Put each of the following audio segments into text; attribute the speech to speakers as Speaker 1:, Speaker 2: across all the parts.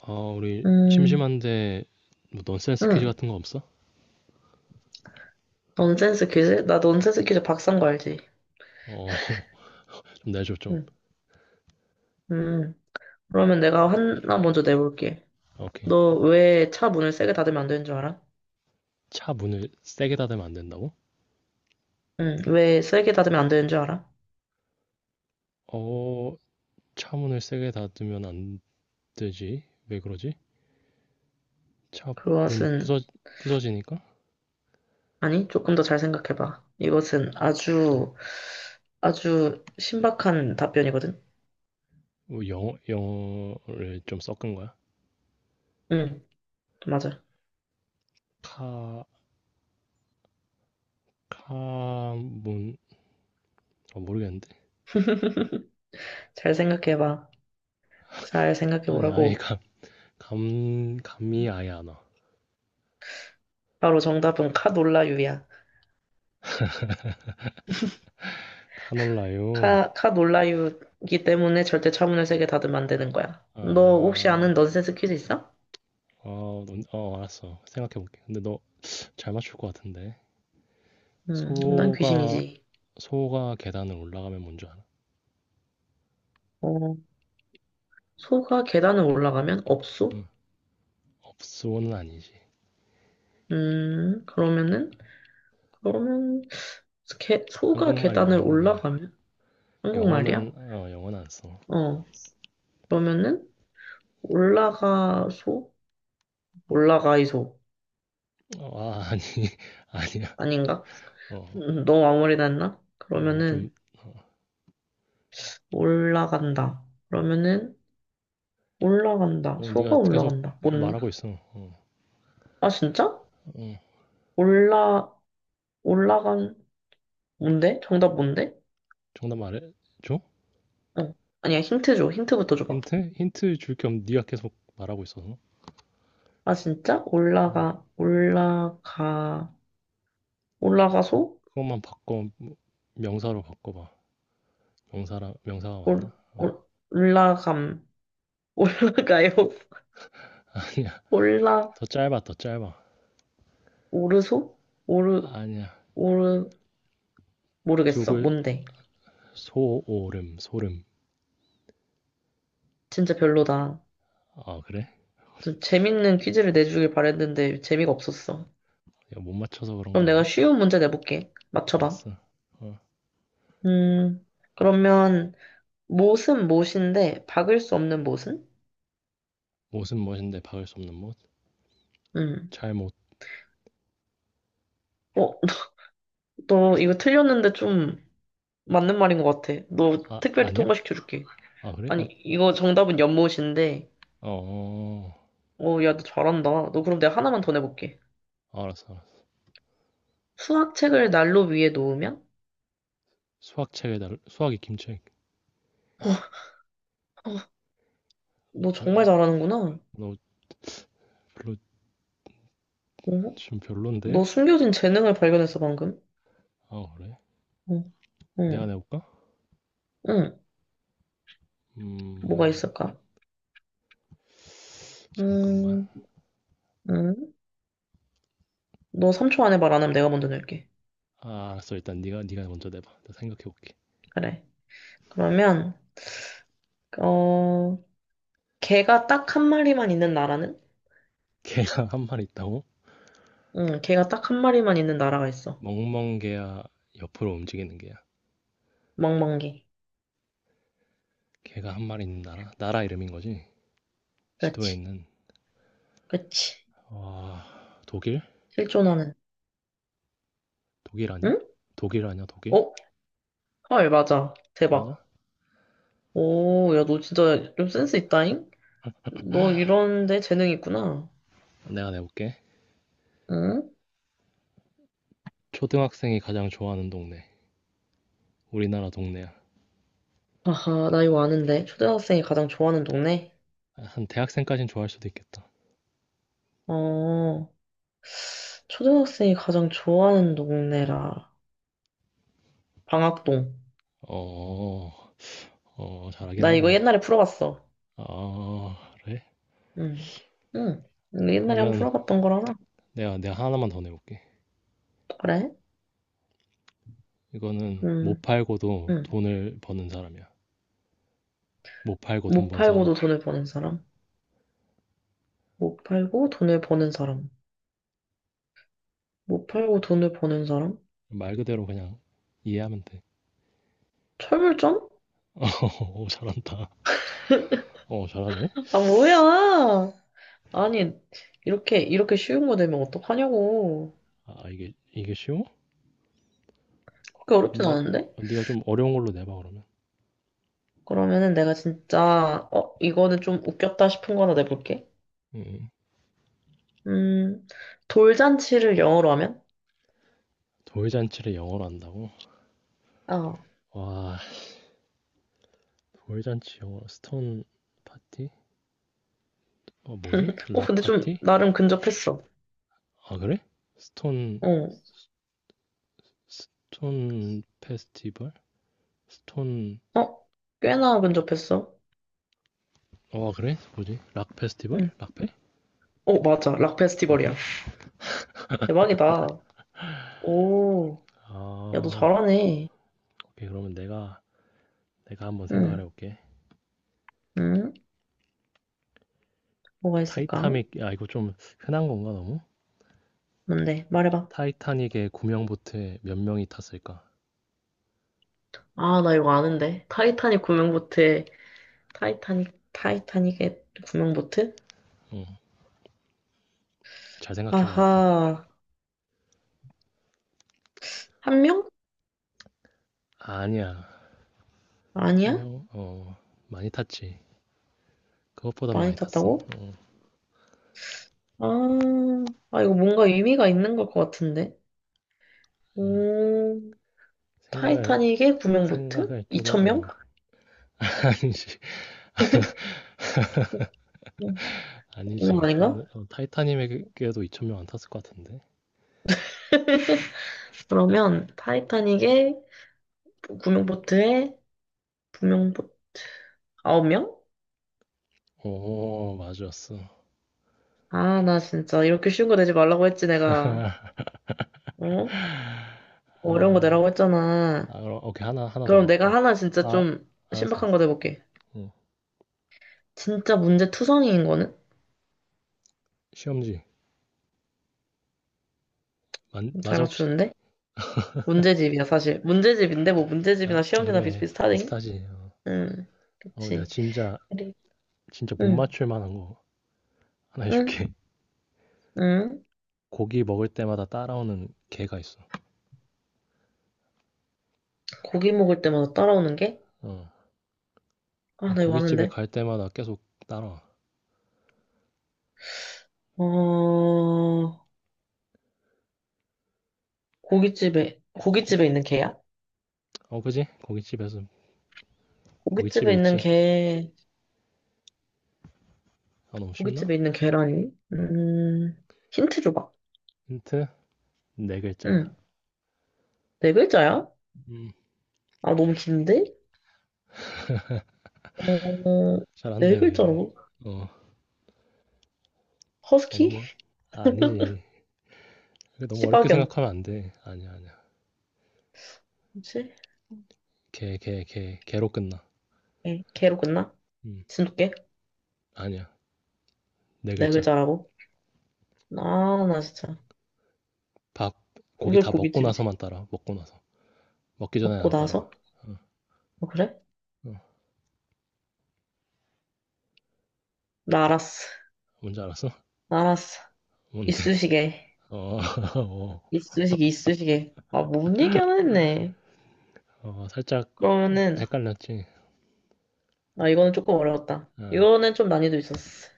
Speaker 1: 아, 우리
Speaker 2: 음,
Speaker 1: 심심한데 뭐 넌센스 퀴즈
Speaker 2: 응.
Speaker 1: 같은 거 없어?
Speaker 2: 넌센스 퀴즈? 나 넌센스 퀴즈 박사인 거 알지?
Speaker 1: 어, 좀 내줘 좀.
Speaker 2: 응. 음. 그러면 내가 하나 먼저 내볼게.
Speaker 1: 아, 오케이.
Speaker 2: 너 왜 차 문을 세게 닫으면 안 되는 줄 알아?
Speaker 1: 차 문을 세게 닫으면 안 된다고?
Speaker 2: 응. 왜 세게 닫으면 안 되는 줄 알아?
Speaker 1: 어, 차 문을 세게 닫으면 안 되지. 왜 그러지? 차 문
Speaker 2: 그것은,
Speaker 1: 부서지니까?
Speaker 2: 아니, 조금 더 잘 생각해봐. 이것은
Speaker 1: 어,
Speaker 2: 아주, 아주 신박한 답변이거든?
Speaker 1: 뭐 영어를 좀 섞은 거야?
Speaker 2: 응. 맞아.
Speaker 1: 카, 카, 문, 모르겠는데.
Speaker 2: 잘 생각해봐. 잘
Speaker 1: 아니, 아예
Speaker 2: 생각해보라고.
Speaker 1: 감이 아예 안 와.
Speaker 2: 바로 정답은 카놀라유야.
Speaker 1: 카놀라요.
Speaker 2: 카 놀라유기 때문에 절대 차문을 세게 닫으면 안 되는 거야. 너 혹시
Speaker 1: 아,
Speaker 2: 아는 넌센스 퀴즈 있어?
Speaker 1: 알았어. 생각해볼게. 근데 너 잘 맞출 것 같은데.
Speaker 2: 난
Speaker 1: 소가
Speaker 2: 귀신이지.
Speaker 1: 소가 계단을 올라가면 뭔 줄 알아?
Speaker 2: 어, 소가 계단을 올라가면 없소?
Speaker 1: 응. 업소는 아니지.
Speaker 2: 그러면은, 그러면, 소가
Speaker 1: 한국말이야,
Speaker 2: 계단을
Speaker 1: 한국말.
Speaker 2: 올라가면?
Speaker 1: 영어는
Speaker 2: 한국말이야?
Speaker 1: 어, 영어는 안 써.
Speaker 2: 어, 그러면은, 올라가, 소? 올라가, 이소.
Speaker 1: 아니. 아니야.
Speaker 2: 아닌가?
Speaker 1: 어.
Speaker 2: 너무 아무리 했나
Speaker 1: 좀
Speaker 2: 그러면은,
Speaker 1: 어,
Speaker 2: 올라간다. 그러면은, 올라간다.
Speaker 1: 네가
Speaker 2: 소가
Speaker 1: 계속
Speaker 2: 올라간다. 뭔데?
Speaker 1: 말하고 있어. 어.
Speaker 2: 아, 진짜?
Speaker 1: 어.
Speaker 2: 올라, 올라간, 뭔데? 정답 뭔데?
Speaker 1: 정답 말해 줘?
Speaker 2: 어. 아니야, 힌트 줘. 힌트부터 줘봐.
Speaker 1: 힌트? 힌트 줄 겸 네가 계속 말하고 있어서.
Speaker 2: 아, 진짜?
Speaker 1: 응.
Speaker 2: 올라가, 올라가, 올라가소?
Speaker 1: 그것만 바꿔 명사로 바꿔 봐. 명사라 명사가 맞나?
Speaker 2: 올,
Speaker 1: 어.
Speaker 2: 올, 올라감, 올라가요?
Speaker 1: 아니야.
Speaker 2: 올라,
Speaker 1: 더 짧아, 더 짧아.
Speaker 2: 오르소? 오르,
Speaker 1: 아니야.
Speaker 2: 오르,
Speaker 1: 두
Speaker 2: 모르겠어.
Speaker 1: 글,
Speaker 2: 뭔데?
Speaker 1: 소오름 소름
Speaker 2: 진짜 별로다.
Speaker 1: 아, 그래?
Speaker 2: 좀 재밌는 퀴즈를 내주길 바랬는데 재미가 없었어.
Speaker 1: 야, 못 맞춰서 그런
Speaker 2: 그럼
Speaker 1: 거
Speaker 2: 내가
Speaker 1: 아니야?
Speaker 2: 쉬운 문제 내볼게. 맞춰봐.
Speaker 1: 알았어. 어.
Speaker 2: 음, 그러면, 못은 못인데 박을 수 없는 못은?
Speaker 1: 못은 못인데 박을 수 없는 못?
Speaker 2: 응.
Speaker 1: 잘못.
Speaker 2: 어, 너 이거 틀렸는데 좀 맞는 말인 것 같아. 너
Speaker 1: 아,
Speaker 2: 특별히
Speaker 1: 아니야?
Speaker 2: 통과시켜줄게.
Speaker 1: 아, 그래?
Speaker 2: 아니,
Speaker 1: 어,
Speaker 2: 이거 정답은 연못인데.
Speaker 1: 어, 어.
Speaker 2: 어, 야, 너 잘한다. 너 그럼 내가 하나만 더 내볼게.
Speaker 1: 알았어, 알았어.
Speaker 2: 수학책을 난로 위에 놓으면?
Speaker 1: 수학책에 달 수학이 김책.
Speaker 2: 어, 어, 너 정말
Speaker 1: 뭐야?
Speaker 2: 잘하는구나.
Speaker 1: 너 별로.
Speaker 2: 어?
Speaker 1: 좀
Speaker 2: 너
Speaker 1: 별론데?
Speaker 2: 숨겨진 재능을 발견했어, 방금.
Speaker 1: 아, 그래?
Speaker 2: 어,
Speaker 1: 내가
Speaker 2: 응,
Speaker 1: 내볼까?
Speaker 2: 응. 뭐가
Speaker 1: 음
Speaker 2: 있을까?
Speaker 1: 잠깐만.
Speaker 2: 음, 응. 너 3초 안에 말 안 하면 내가 먼저 낼게.
Speaker 1: 아, 알았어. 일단 네가 먼저 내봐. 나 생각해볼게.
Speaker 2: 그래. 그러면, 어, 개가 딱 한 마리만 있는 나라는?
Speaker 1: 개가 한 마리 있다고?
Speaker 2: 응, 개가 딱 한 마리만 있는 나라가 있어.
Speaker 1: 멍멍개야. 옆으로 움직이는 개야.
Speaker 2: 멍멍개.
Speaker 1: 개가 한 마리 있는 나라 이름인 거지. 지도에
Speaker 2: 그렇지,
Speaker 1: 있는.
Speaker 2: 그렇지.
Speaker 1: 와, 독일?
Speaker 2: 실존하는.
Speaker 1: 독일 아니야?
Speaker 2: 응?
Speaker 1: 독일 아니야, 독일?
Speaker 2: 어? 헐, 맞아.
Speaker 1: 맞아?
Speaker 2: 대박. 오, 야, 너 진짜 좀 센스 있다잉? 너 이런데 재능 있구나.
Speaker 1: 내가 내볼게.
Speaker 2: 응?
Speaker 1: 초등학생이 가장 좋아하는 동네. 우리나라 동네야.
Speaker 2: 아하, 나 이거 아는데. 초등학생이 가장 좋아하는 동네?
Speaker 1: 한 대학생까진 좋아할 수도 있겠다.
Speaker 2: 어, 초등학생이 가장 좋아하는 동네라. 방학동.
Speaker 1: 어, 잘하긴
Speaker 2: 나 이거
Speaker 1: 하네.
Speaker 2: 옛날에 풀어봤어.
Speaker 1: 어, 그래?
Speaker 2: 응, 응. 이거 옛날에 한번
Speaker 1: 그러면
Speaker 2: 풀어봤던 거라서.
Speaker 1: 내가 하나만 더 내볼게.
Speaker 2: 그래?
Speaker 1: 이거는 못
Speaker 2: 음,
Speaker 1: 팔고도
Speaker 2: 음.
Speaker 1: 돈을 버는 사람이야. 못 팔고 돈
Speaker 2: 못
Speaker 1: 번 사람.
Speaker 2: 팔고도 돈을 버는 사람? 못 팔고 돈을 버는 사람? 못 팔고 돈을 버는 사람?
Speaker 1: 말 그대로 그냥 이해하면 돼.
Speaker 2: 철물점?
Speaker 1: 어, 잘한다. 어, 잘하네.
Speaker 2: 아, 뭐야! 아니, 이렇게 쉬운 거 되면 어떡하냐고.
Speaker 1: 아, 이게 쉬워?
Speaker 2: 그렇게 어렵진
Speaker 1: 네가,
Speaker 2: 않은데?
Speaker 1: 네가 좀 어려운 걸로 내봐, 그러면.
Speaker 2: 그러면은 내가 진짜, 어, 이거는 좀 웃겼다 싶은 거 하나 내볼게.
Speaker 1: 음. 음.
Speaker 2: 음, 돌잔치를 영어로 하면?
Speaker 1: 돌잔치를 영어로 한다고?
Speaker 2: 어.
Speaker 1: 와, 돌잔치 영어 스톤 파티? 어, 뭐지?
Speaker 2: 어,
Speaker 1: 락
Speaker 2: 근데 좀,
Speaker 1: 파티?
Speaker 2: 나름 근접했어.
Speaker 1: 아, 그래? 스톤
Speaker 2: 어,
Speaker 1: 스톤 페스티벌? 스톤
Speaker 2: 어, 꽤나 근접했어.
Speaker 1: 어, 그래? 뭐지? 락 페스티벌?
Speaker 2: 응.
Speaker 1: 락페?
Speaker 2: 어, 맞아. 락
Speaker 1: 아,
Speaker 2: 페스티벌이야.
Speaker 1: 그래?
Speaker 2: 대박이다. 오, 야, 너
Speaker 1: 아,
Speaker 2: 잘하네.
Speaker 1: 오케이. 그러면 내가 한번 생각을
Speaker 2: 응,
Speaker 1: 해볼게.
Speaker 2: 응, 뭐가 있을까?
Speaker 1: 타이타닉 아, 이거 좀 흔한 건가 너무?
Speaker 2: 뭔데? 말해봐.
Speaker 1: 타이타닉의 구명 보트에 몇 명이 탔을까?
Speaker 2: 아, 나 이거 아는데. 타이타닉 구명보트에, 타이타닉의 구명보트?
Speaker 1: 응, 잘 생각해봐야 돼.
Speaker 2: 아하, 한 명?
Speaker 1: 아니야, 한
Speaker 2: 아니야?
Speaker 1: 명, 많이 탔지. 그것보다
Speaker 2: 많이
Speaker 1: 많이 탔어.
Speaker 2: 탔다고? 아, 이거 뭔가 의미가 있는 것 같은데.
Speaker 1: 예.
Speaker 2: 오,
Speaker 1: 생각을
Speaker 2: 타이타닉의 구명보트?
Speaker 1: 생각을
Speaker 2: 2
Speaker 1: 조금
Speaker 2: 천명
Speaker 1: 어. 아니지.
Speaker 2: 응, 이건
Speaker 1: 아니지.
Speaker 2: 아닌가?
Speaker 1: 그거는 타이타닉에도 2천 명 안 탔을 것 같은데.
Speaker 2: 그러면, 타이타닉의 구명보트에, 구명보트, 9명?
Speaker 1: 오, 맞았어.
Speaker 2: 아, 나 진짜 이렇게 쉬운 거 내지 말라고 했지, 내가. 어? 어려운 거
Speaker 1: 아,
Speaker 2: 내라고 했잖아.
Speaker 1: 그럼 오케이. 하나 더
Speaker 2: 그럼 내가
Speaker 1: 가볼게.
Speaker 2: 하나 진짜
Speaker 1: 아,
Speaker 2: 좀
Speaker 1: 알았어,
Speaker 2: 신박한
Speaker 1: 알았어.
Speaker 2: 거 내볼게.
Speaker 1: 어.
Speaker 2: 진짜 문제 투성이인 거는?
Speaker 1: 시험지. 맞,
Speaker 2: 잘
Speaker 1: 맞아 혹시?
Speaker 2: 맞추는데? 문제집이야, 사실. 문제집인데, 뭐 문제집이나
Speaker 1: 아,
Speaker 2: 시험지나
Speaker 1: 그래.
Speaker 2: 비슷비슷하지?
Speaker 1: 비슷하지.
Speaker 2: 응,
Speaker 1: 어, 내가
Speaker 2: 그치.
Speaker 1: 진짜
Speaker 2: 그래.
Speaker 1: 진짜 못
Speaker 2: 응,
Speaker 1: 맞출 만한 거 하나
Speaker 2: 응,
Speaker 1: 해줄게.
Speaker 2: 응.
Speaker 1: 고기 먹을 때마다 따라오는 개가 있어.
Speaker 2: 고기 먹을 때마다 따라오는 게?
Speaker 1: 어. 아,
Speaker 2: 아, 나 이거
Speaker 1: 고깃집에
Speaker 2: 아는데.
Speaker 1: 갈 때마다 계속 따라와.
Speaker 2: 어,
Speaker 1: 고,
Speaker 2: 고깃집에 있는 개야?
Speaker 1: 그지? 고깃집에서.
Speaker 2: 고깃집에
Speaker 1: 고깃집에
Speaker 2: 있는
Speaker 1: 있지.
Speaker 2: 개.
Speaker 1: 아, 너무 쉽나?
Speaker 2: 고깃집에 있는 계란이? 힌트 줘봐.
Speaker 1: 힌트? 네 글자야.
Speaker 2: 응. 네 글자야?
Speaker 1: 음,
Speaker 2: 아, 너무 긴데? 어,
Speaker 1: 잘한
Speaker 2: 네
Speaker 1: 되며
Speaker 2: 글자라고?
Speaker 1: 어, 언
Speaker 2: 허스키?
Speaker 1: 어너머? 아, 아니지. 이거 너무 어렵게
Speaker 2: 시바견.
Speaker 1: 생각하면 안 돼. 아니야, 아니야.
Speaker 2: 그치?
Speaker 1: 개로 끝나.
Speaker 2: 예, 개로 끝나?
Speaker 1: 음,
Speaker 2: 진돗개?
Speaker 1: 아니야. 네
Speaker 2: 네
Speaker 1: 글자.
Speaker 2: 글자라고? 아, 나 진짜.
Speaker 1: 밥, 고기
Speaker 2: 왜
Speaker 1: 다 먹고
Speaker 2: 고깃집이지?
Speaker 1: 나서만 따라. 먹고 나서. 먹기 전에
Speaker 2: 먹고
Speaker 1: 안 따라.
Speaker 2: 나서?
Speaker 1: 어,
Speaker 2: 어, 그래?
Speaker 1: 어.
Speaker 2: 나 알았어.
Speaker 1: 뭔지 알았어?
Speaker 2: 나 알았어.
Speaker 1: 뭔데?
Speaker 2: 이쑤시개.
Speaker 1: 어, 어,
Speaker 2: 이쑤시개. 아, 뭔 얘기 하나 했네.
Speaker 1: 살짝
Speaker 2: 그러면은,
Speaker 1: 헷갈렸지.
Speaker 2: 아, 이거는 조금 어려웠다.
Speaker 1: 아,
Speaker 2: 이거는 좀 난이도 있었어.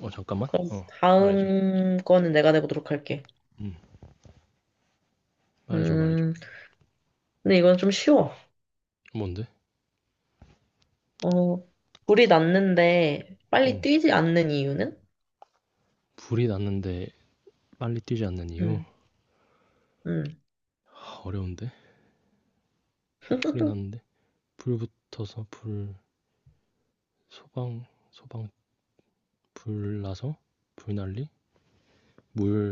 Speaker 1: 잠깐만.
Speaker 2: 그럼
Speaker 1: 어, 말해줘.
Speaker 2: 다음 거는 내가 내보도록 할게.
Speaker 1: 음, 말해줘, 말해줘.
Speaker 2: 음, 근데 이건 좀 쉬워.
Speaker 1: 뭔데?
Speaker 2: 어, 불이 났는데 빨리
Speaker 1: 음,
Speaker 2: 뛰지 않는 이유는?
Speaker 1: 불이 났는데 빨리 뛰지 않는 이유?
Speaker 2: 음, 음,
Speaker 1: 하, 어려운데? 불이 났는데 불 붙어서 불 소방 소방 불 나서 불 난리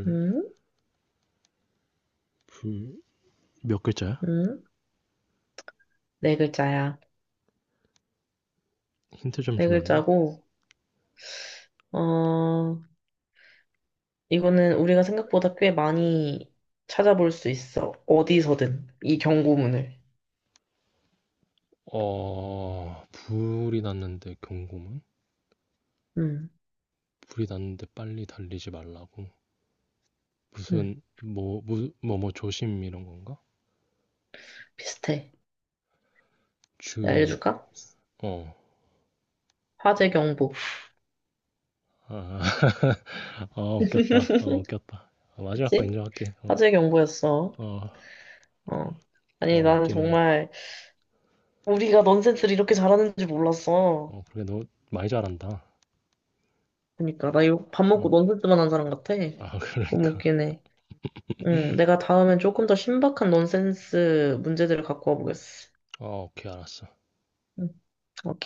Speaker 2: 음,
Speaker 1: 물 불 몇 글자야?
Speaker 2: 음. 네 글자야.
Speaker 1: 힌트 좀
Speaker 2: 네
Speaker 1: 주면 안 돼?
Speaker 2: 글자고, 어, 이거는 우리가 생각보다 꽤 많이 찾아볼 수 있어. 어디서든. 이 경고문을.
Speaker 1: 어, 불이 났는데 경고문.
Speaker 2: 음,
Speaker 1: 불이 났는데 빨리 달리지 말라고
Speaker 2: 음.
Speaker 1: 무슨 뭐뭐뭐 뭐 조심 이런 건가?
Speaker 2: 비슷해. 내가
Speaker 1: 주의.
Speaker 2: 알려줄까?
Speaker 1: 어아.
Speaker 2: 화재 경보.
Speaker 1: 아, 웃겼다. 웃겼다. 아, 마지막 거
Speaker 2: 그치?
Speaker 1: 인정할게. 어어.
Speaker 2: 화재 경보였어.
Speaker 1: 어,
Speaker 2: 어. 아니, 나는
Speaker 1: 웃기네.
Speaker 2: 정말 우리가 넌센스를 이렇게 잘하는 줄 몰랐어.
Speaker 1: 어, 그래. 너 많이 잘한다.
Speaker 2: 그러니까 나 이거 밥
Speaker 1: 어.
Speaker 2: 먹고 넌센스만 한 사람 같아.
Speaker 1: 아,
Speaker 2: 너무
Speaker 1: 그러니까.
Speaker 2: 웃기네. 응, 내가 다음엔 조금 더 신박한 넌센스 문제들을 갖고 와보겠어.
Speaker 1: 어, 오케이. 알았어.
Speaker 2: 응, 오케이.